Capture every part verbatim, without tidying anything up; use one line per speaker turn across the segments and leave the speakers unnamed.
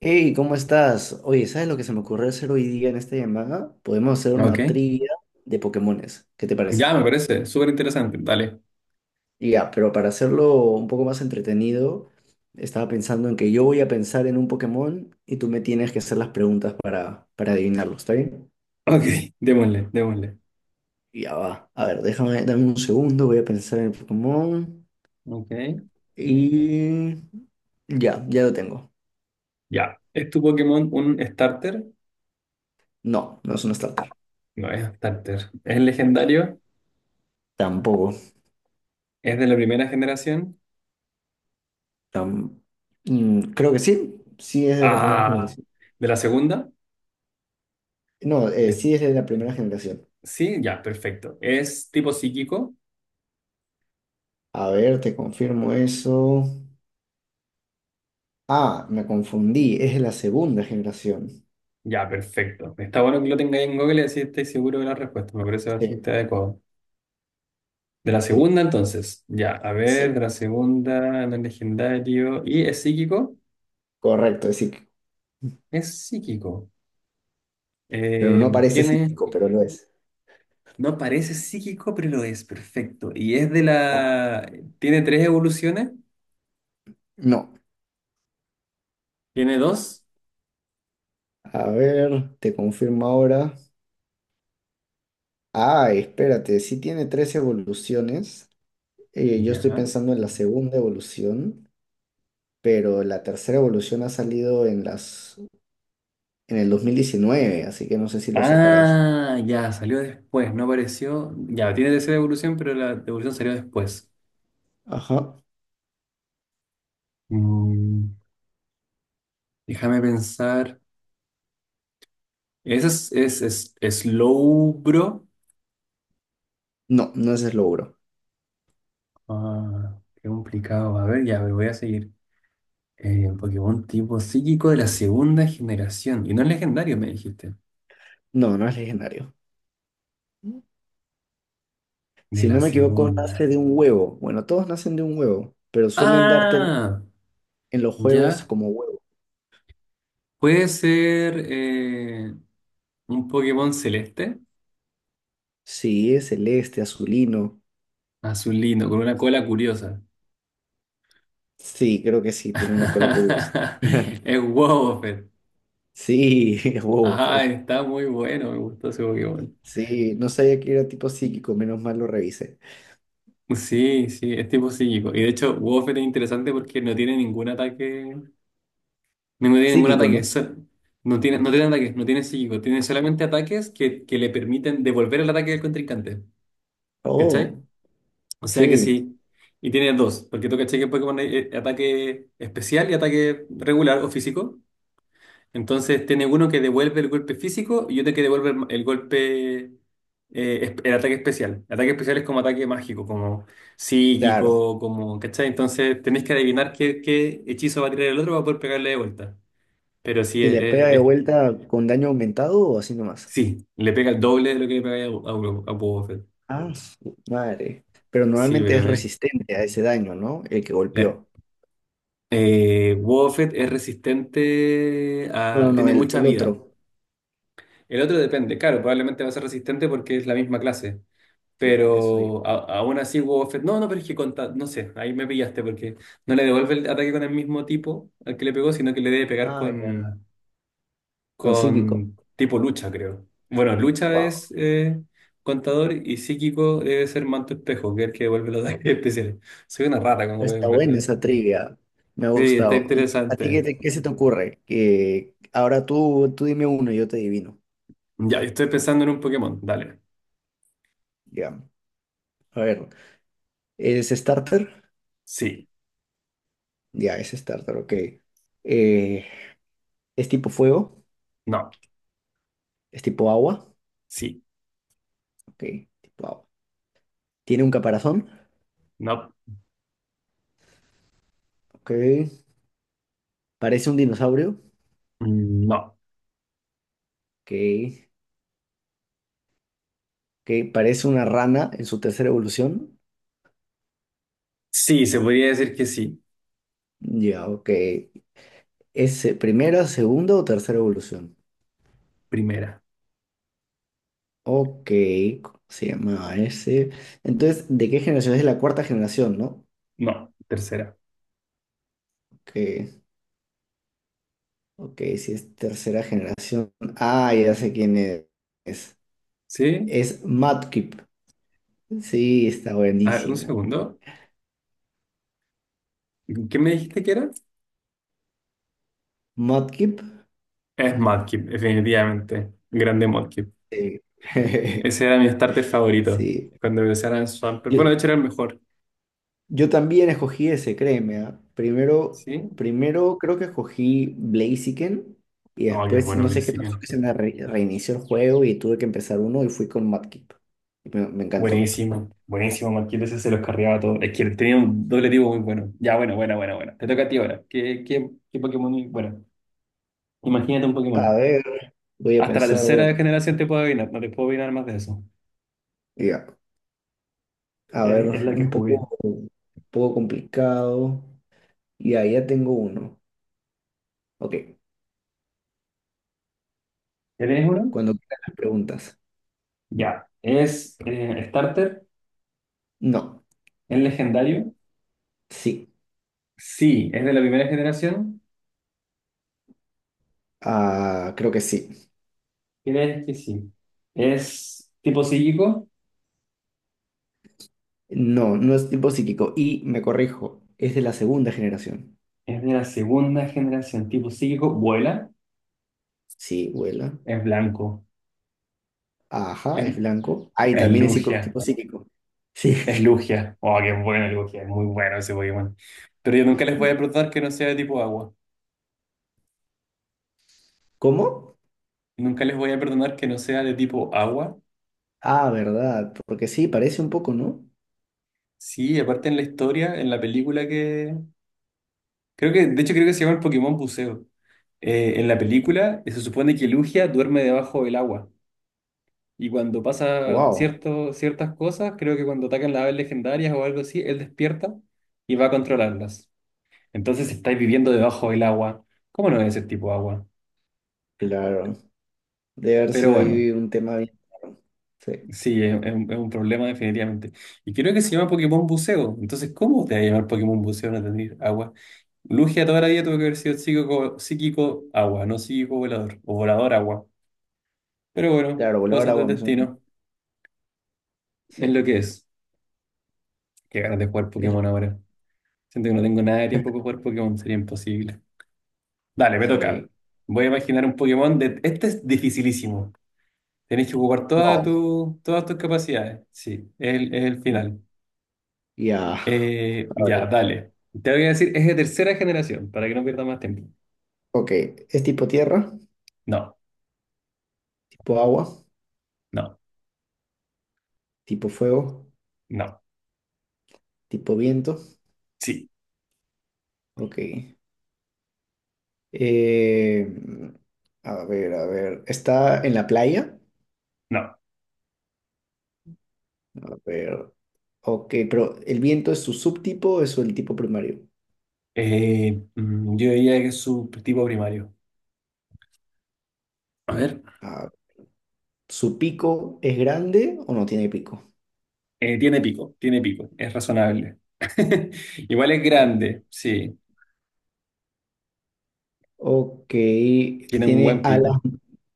Hey, ¿cómo estás? Oye, ¿sabes lo que se me ocurrió hacer hoy día en esta llamada? Podemos hacer
Ok,
una trivia de Pokémones. ¿Qué te
ya
parece?
me parece súper interesante. Dale.
Y ya, pero para hacerlo un poco más entretenido, estaba pensando en que yo voy a pensar en un Pokémon y tú me tienes que hacer las preguntas para, para adivinarlo, ¿está bien?
Ok, démosle, démosle.
Y ya va. A ver, déjame, dame un segundo, voy a pensar en el Pokémon.
Ok.
Y ya, ya lo tengo.
Ya. ¿Es tu Pokémon un starter?
No, no es un starter.
No es starter. ¿Es legendario?
Tampoco.
¿Es de la primera generación?
Tam- Mm, creo que sí. Sí es de la primera
Ah,
generación.
¿de la segunda?
No, eh,
Es-
sí es de la primera generación.
Sí, ya, perfecto. ¿Es tipo psíquico?
A ver, te confirmo eso. Ah, me confundí, es de la segunda generación.
Ya, perfecto. Está bueno que lo tengáis en Google y así estáis seguro de la respuesta. Me parece
Sí,
bastante adecuado. De la
sí,
segunda, entonces. Ya, a
sí,
ver, de la segunda, no es legendario. ¿Y es psíquico?
correcto, es psíquico.
Es psíquico.
Pero
Eh,
no parece
tiene,
psíquico, pero lo es.
no parece psíquico, pero lo es, perfecto. Y es de la... ¿Tiene tres evoluciones?
No.
¿Tiene dos?
A ver, te confirmo ahora. Ah, espérate, sí tiene tres evoluciones. Eh, yo estoy
Ya.
pensando en la segunda evolución, pero la tercera evolución ha salido en las, en el dos mil diecinueve, así que no sé si lo sacarás.
Ah, ya, salió después, no apareció. Ya, tiene tercera evolución, pero la evolución salió después.
Ajá.
Mm, déjame pensar. Ese es, es, es, Slowbro.
No, no es el
Ah, qué complicado. A ver, ya, pero voy a seguir. Eh, Pokémon tipo psíquico de la segunda generación. Y no es legendario, me dijiste.
No, no es legendario.
De
Si no
la
me equivoco, nace
segunda.
de un huevo. Bueno, todos nacen de un huevo, pero suelen darte
Ah,
en los juegos
ya.
como huevo.
Puede ser eh, un Pokémon celeste,
Sí, es celeste, azulino.
azulino, con una cola curiosa.
Sí, creo que sí, tiene una cola curiosa.
Es Wobbuffet.
Sí, es huevo.
Ah,
es-
está muy bueno, me gustó ese Pokémon.
Sí, no sabía que era tipo psíquico, menos mal lo revisé.
Sí, sí, es tipo psíquico. Y de hecho, Wobbuffet es interesante porque no tiene ningún ataque. No tiene ningún
Psíquico,
ataque.
¿no?
so- No tiene, no tiene ataques, no tiene psíquico. Tiene solamente ataques que, que le permiten devolver el ataque del contrincante. ¿Cachai?
Oh,
O sea que
sí,
sí. Y tiene dos, porque tú caché que en Pokémon hay eh, ataque especial y ataque regular o físico. Entonces tiene uno que devuelve el golpe físico y otro que devuelve el, el golpe, eh, es- el ataque especial. El ataque especial es como ataque mágico, como
claro.
psíquico, como, ¿cachai? Entonces tenés que adivinar qué, qué hechizo va a tirar el otro para poder pegarle de vuelta. Pero sí,
¿Y
es,
le pega
es-
de
es-
vuelta con daño aumentado o así nomás?
sí, le pega el doble de lo que le pega a, a, a Boba Fett.
Ah, su madre. Pero
Sí,
normalmente es
pero eh,
resistente a ese daño, ¿no? El que
la,
golpeó.
Eh, Buffett es resistente
No, no,
a...
no,
tiene
el,
mucha
el
vida.
otro.
El otro depende, claro, probablemente va a ser resistente porque es la misma clase.
Sí, eso yo.
Pero a- aún así Buffett... No, no, pero es que con ta- no sé, ahí me pillaste porque no le devuelve el ataque con el mismo tipo al que le pegó, sino que le debe pegar
Ah, ya.
con,
Con psíquico.
con tipo lucha, creo. Bueno, lucha
Wow.
es eh, contador y psíquico debe ser manto espejo, que es el que devuelve los ataques especiales. Soy una rata, como pueden
Está buena
ver.
esa trivia. Me ha
Sí, está
gustado. ¿Y a ti qué,
interesante.
te- qué se te ocurre? Que ahora tú, tú dime uno y yo te adivino.
Ya, estoy pensando en un Pokémon. Dale.
Ya. A ver. ¿Es starter?
Sí.
Ya, es starter, ok. Eh, ¿es tipo fuego?
No.
¿Es tipo agua?
Sí.
Ok, tipo agua. ¿Tiene un caparazón?
No.
Ok. ¿Parece un dinosaurio?
Mm, no.
Ok. Ok. ¿Parece una rana en su tercera evolución?
Sí, se podría decir que sí.
Ya, ok. ¿Es eh, primera, segunda o tercera evolución?
Primera.
Ok, ¿cómo se llama ese? Entonces, ¿de qué generación? Es de la cuarta generación, ¿no?
No. Tercera.
Ok, ok, si es tercera generación. Ah, ya sé quién es.
¿Sí?
Es Mudkip. Sí, está
A ver, un
buenísimo.
segundo. ¿Qué me dijiste que era?
Mudkip.
Es Mudkip, definitivamente. Grande Mudkip. Ese era mi starter favorito.
Sí.
Cuando empezara en Swampert.
Yo,
Bueno, de hecho era el mejor.
yo también escogí ese, créeme, ah. Primero,
¿Sí?
primero creo que escogí Blaziken y
Oh, qué
después
bueno
no sé qué pasó
Blaziken.
que se me re- reinició el juego y tuve que empezar uno y fui con Mudkip. Y me, me encantó.
Buenísimo. Buenísimo, Mudkip. Ese se los cargaba todo. Es que tenía un doble tipo muy bueno. Ya, bueno, bueno, bueno, bueno. Te toca a ti ahora. ¿Qué, qué, qué Pokémon? Bueno. Imagínate un
A
Pokémon.
ver, voy a
Hasta la
pensar, voy a
tercera
pensar.
generación te puedo adivinar, no te puedo adivinar más de eso.
Ya. A ver,
Es, es la que
un
jugué.
poco, un poco complicado. Y ahí ya tengo uno. Ok,
¿Ya tienes uno?
cuando quieran las preguntas.
Ya. ¿Es eh, starter?
No,
¿Es legendario?
sí.
Sí. ¿Es de la primera generación?
Ah, creo que sí.
¿Crees que sí? ¿Es tipo psíquico?
No, no es tipo psíquico. Y me corrijo, es de la segunda generación.
¿Es de la segunda generación? ¿Tipo psíquico? ¿Vuela?
Sí, vuela.
¿Es blanco?
Ajá,
¿Es,
es blanco. Ay,
es
también es psico-
Lugia?
tipo psíquico. Sí.
¿Es Lugia? Oh, qué bueno Lugia, es muy bueno ese Pokémon. Pero yo nunca les voy a perdonar que no sea de tipo agua.
¿Cómo?
Nunca les voy a perdonar que no sea de tipo agua.
Ah, verdad, porque sí, parece un poco, ¿no?
Sí, aparte en la historia, en la película que... Creo que, de hecho creo que se llama el Pokémon Buceo. Eh, en la película eh, se supone que Lugia duerme debajo del agua. Y cuando pasa
Wow,
cierto, ciertas cosas, creo que cuando atacan las aves legendarias o algo así, él despierta y va a controlarlas. Entonces estáis viviendo debajo del agua. ¿Cómo no es ese tipo de agua?
claro. Debe haber
Pero
sido
bueno,
ahí un tema bien claro. Sí,
sí, es, es un es un problema definitivamente. Y creo que se llama Pokémon Buceo. Entonces, ¿cómo te va a llamar Pokémon Buceo no tener agua? Lugia toda la vida tuvo que haber sido psíquico, psíquico agua, no psíquico volador, o volador agua. Pero bueno,
claro, volador
cosas del
agua me suena.
destino,
Sí.
es lo que es. Qué ganas de jugar
Es
Pokémon
lo-
ahora. Siento que no tengo nada de tiempo para jugar Pokémon, sería imposible. Dale, me toca.
Sí.
Voy a imaginar un Pokémon de... Este es dificilísimo. Tenés que jugar todas
No.
tu- todas tus capacidades. Sí, es el, es el final.
Ya.
Eh, ya, dale. Te voy a decir, es de tercera generación, para que no pierdas más tiempo.
Ok. ¿Es tipo tierra?
No,
¿Tipo agua?
no,
¿Tipo fuego?
no.
¿Tipo viento?
Sí,
Ok. Eh, a ver, a ver. ¿Está en la playa?
no.
A ver. Ok, pero ¿el viento es su subtipo o es el tipo primario?
Eh, mm, yo diría que es su tipo primario. A ver.
Ah, ¿su pico es grande o no tiene pico?
Eh, tiene pico, tiene pico, es razonable. Igual es
O-
grande, sí,
ok,
tiene un
tiene
buen
alas.
pico.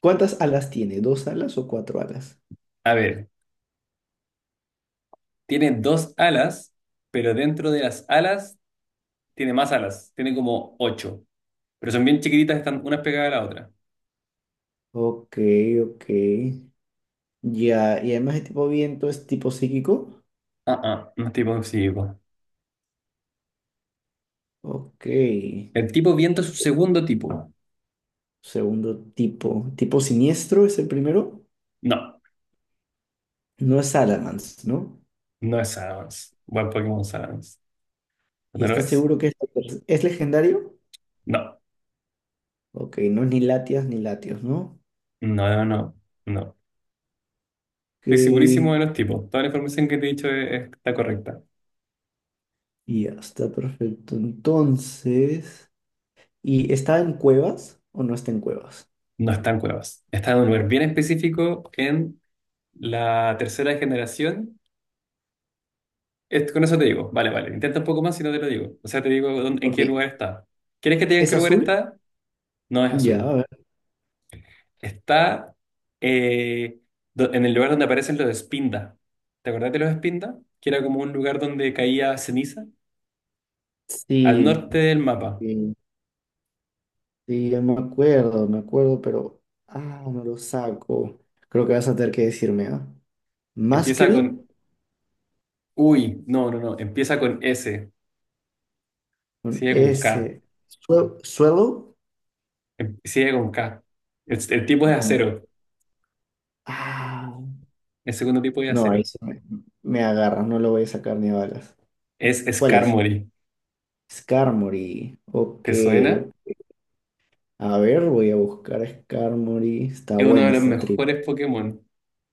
¿Cuántas alas tiene? ¿Dos alas o cuatro alas?
A ver, tiene dos alas, pero dentro de las alas tiene más alas, tiene como ocho, pero son bien chiquititas, están unas pegadas a la otra.
Ok, ok. Ya, y además el tipo viento es tipo psíquico.
Ah, ah, no es tipo psíquico.
Ok.
El tipo viento es su segundo tipo.
Segundo tipo. ¿Tipo siniestro es el primero?
No,
No es Salamence, ¿no?
no es Salamence. Buen Pokémon Salamence.
¿Y
¿No lo
estás
es?
seguro que es, es legendario?
No,
Ok, no es ni Latias ni Latios, ¿no?
no, no, no.
Ok,
Estoy segurísimo de
y
los tipos. Toda la información que te he dicho es- está correcta.
ya está perfecto. Entonces, ¿y está en cuevas o no está en cuevas?
No están cuevas. Está en un lugar bien específico en la tercera generación. Es- con eso te digo. Vale, vale. Intenta un poco más si no te lo digo. O sea, te digo dónde- en
Ok,
qué lugar está. ¿Quieres que te diga en
¿es
qué lugar
azul?
está? No es
Ya, a
azul.
ver.
Está eh, do- en el lugar donde aparecen los Espinda. ¿Te acordás de los Espinda? Que era como un lugar donde caía ceniza. Al
Sí,
norte del mapa.
sí, sí, ya me acuerdo, me acuerdo, pero. Ah, no lo saco. Creo que vas a tener que decirme, ¿ah?
Empieza
Masquerade
con... Uy, no, no, no. Empieza con S.
con
Sigue con K.
S. Sue- Suelo
Em- Sigue con K. Es- El, tipo es de
con.
acero.
Ah,
El segundo tipo es de
no, ahí
acero.
se me, me agarra, no lo voy a sacar ni a balas.
Es
¿Cuál es?
Skarmory.
Skarmory. Ok,
¿Te suena?
a ver, voy a buscar a Skarmory. Está
Es uno
buena
de los
esta trivia.
mejores Pokémon.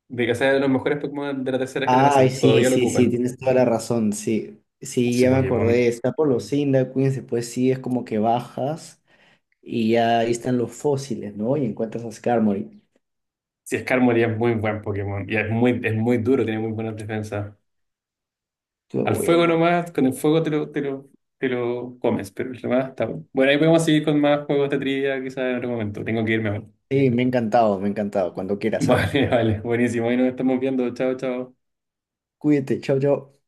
De que sea de los mejores Pokémon de la tercera
Ay,
generación.
sí,
Todavía lo
sí, sí,
ocupan.
tienes toda la razón. Sí, sí,
Sí,
ya me
Pokémon.
acordé. Está por los Cyndaquins, después sí es como que bajas y ya ahí están los fósiles, ¿no? Y encuentras a Skarmory.
Sí, Skarmory es muy buen Pokémon. Y es muy, es muy duro, tiene muy buenas defensas.
Qué
Al fuego
bueno.
nomás, con el fuego te lo, te lo, te lo comes, pero el demás está bueno. Bueno, ahí podemos seguir con más juegos de trivia quizás en otro momento. Tengo que irme ahora.
Sí, me ha encantado, me ha encantado. Cuando quieras, ¿ah?
Vale, vale, buenísimo. Ahí nos estamos viendo. Chao, chao.
Cuídate, chao, chao.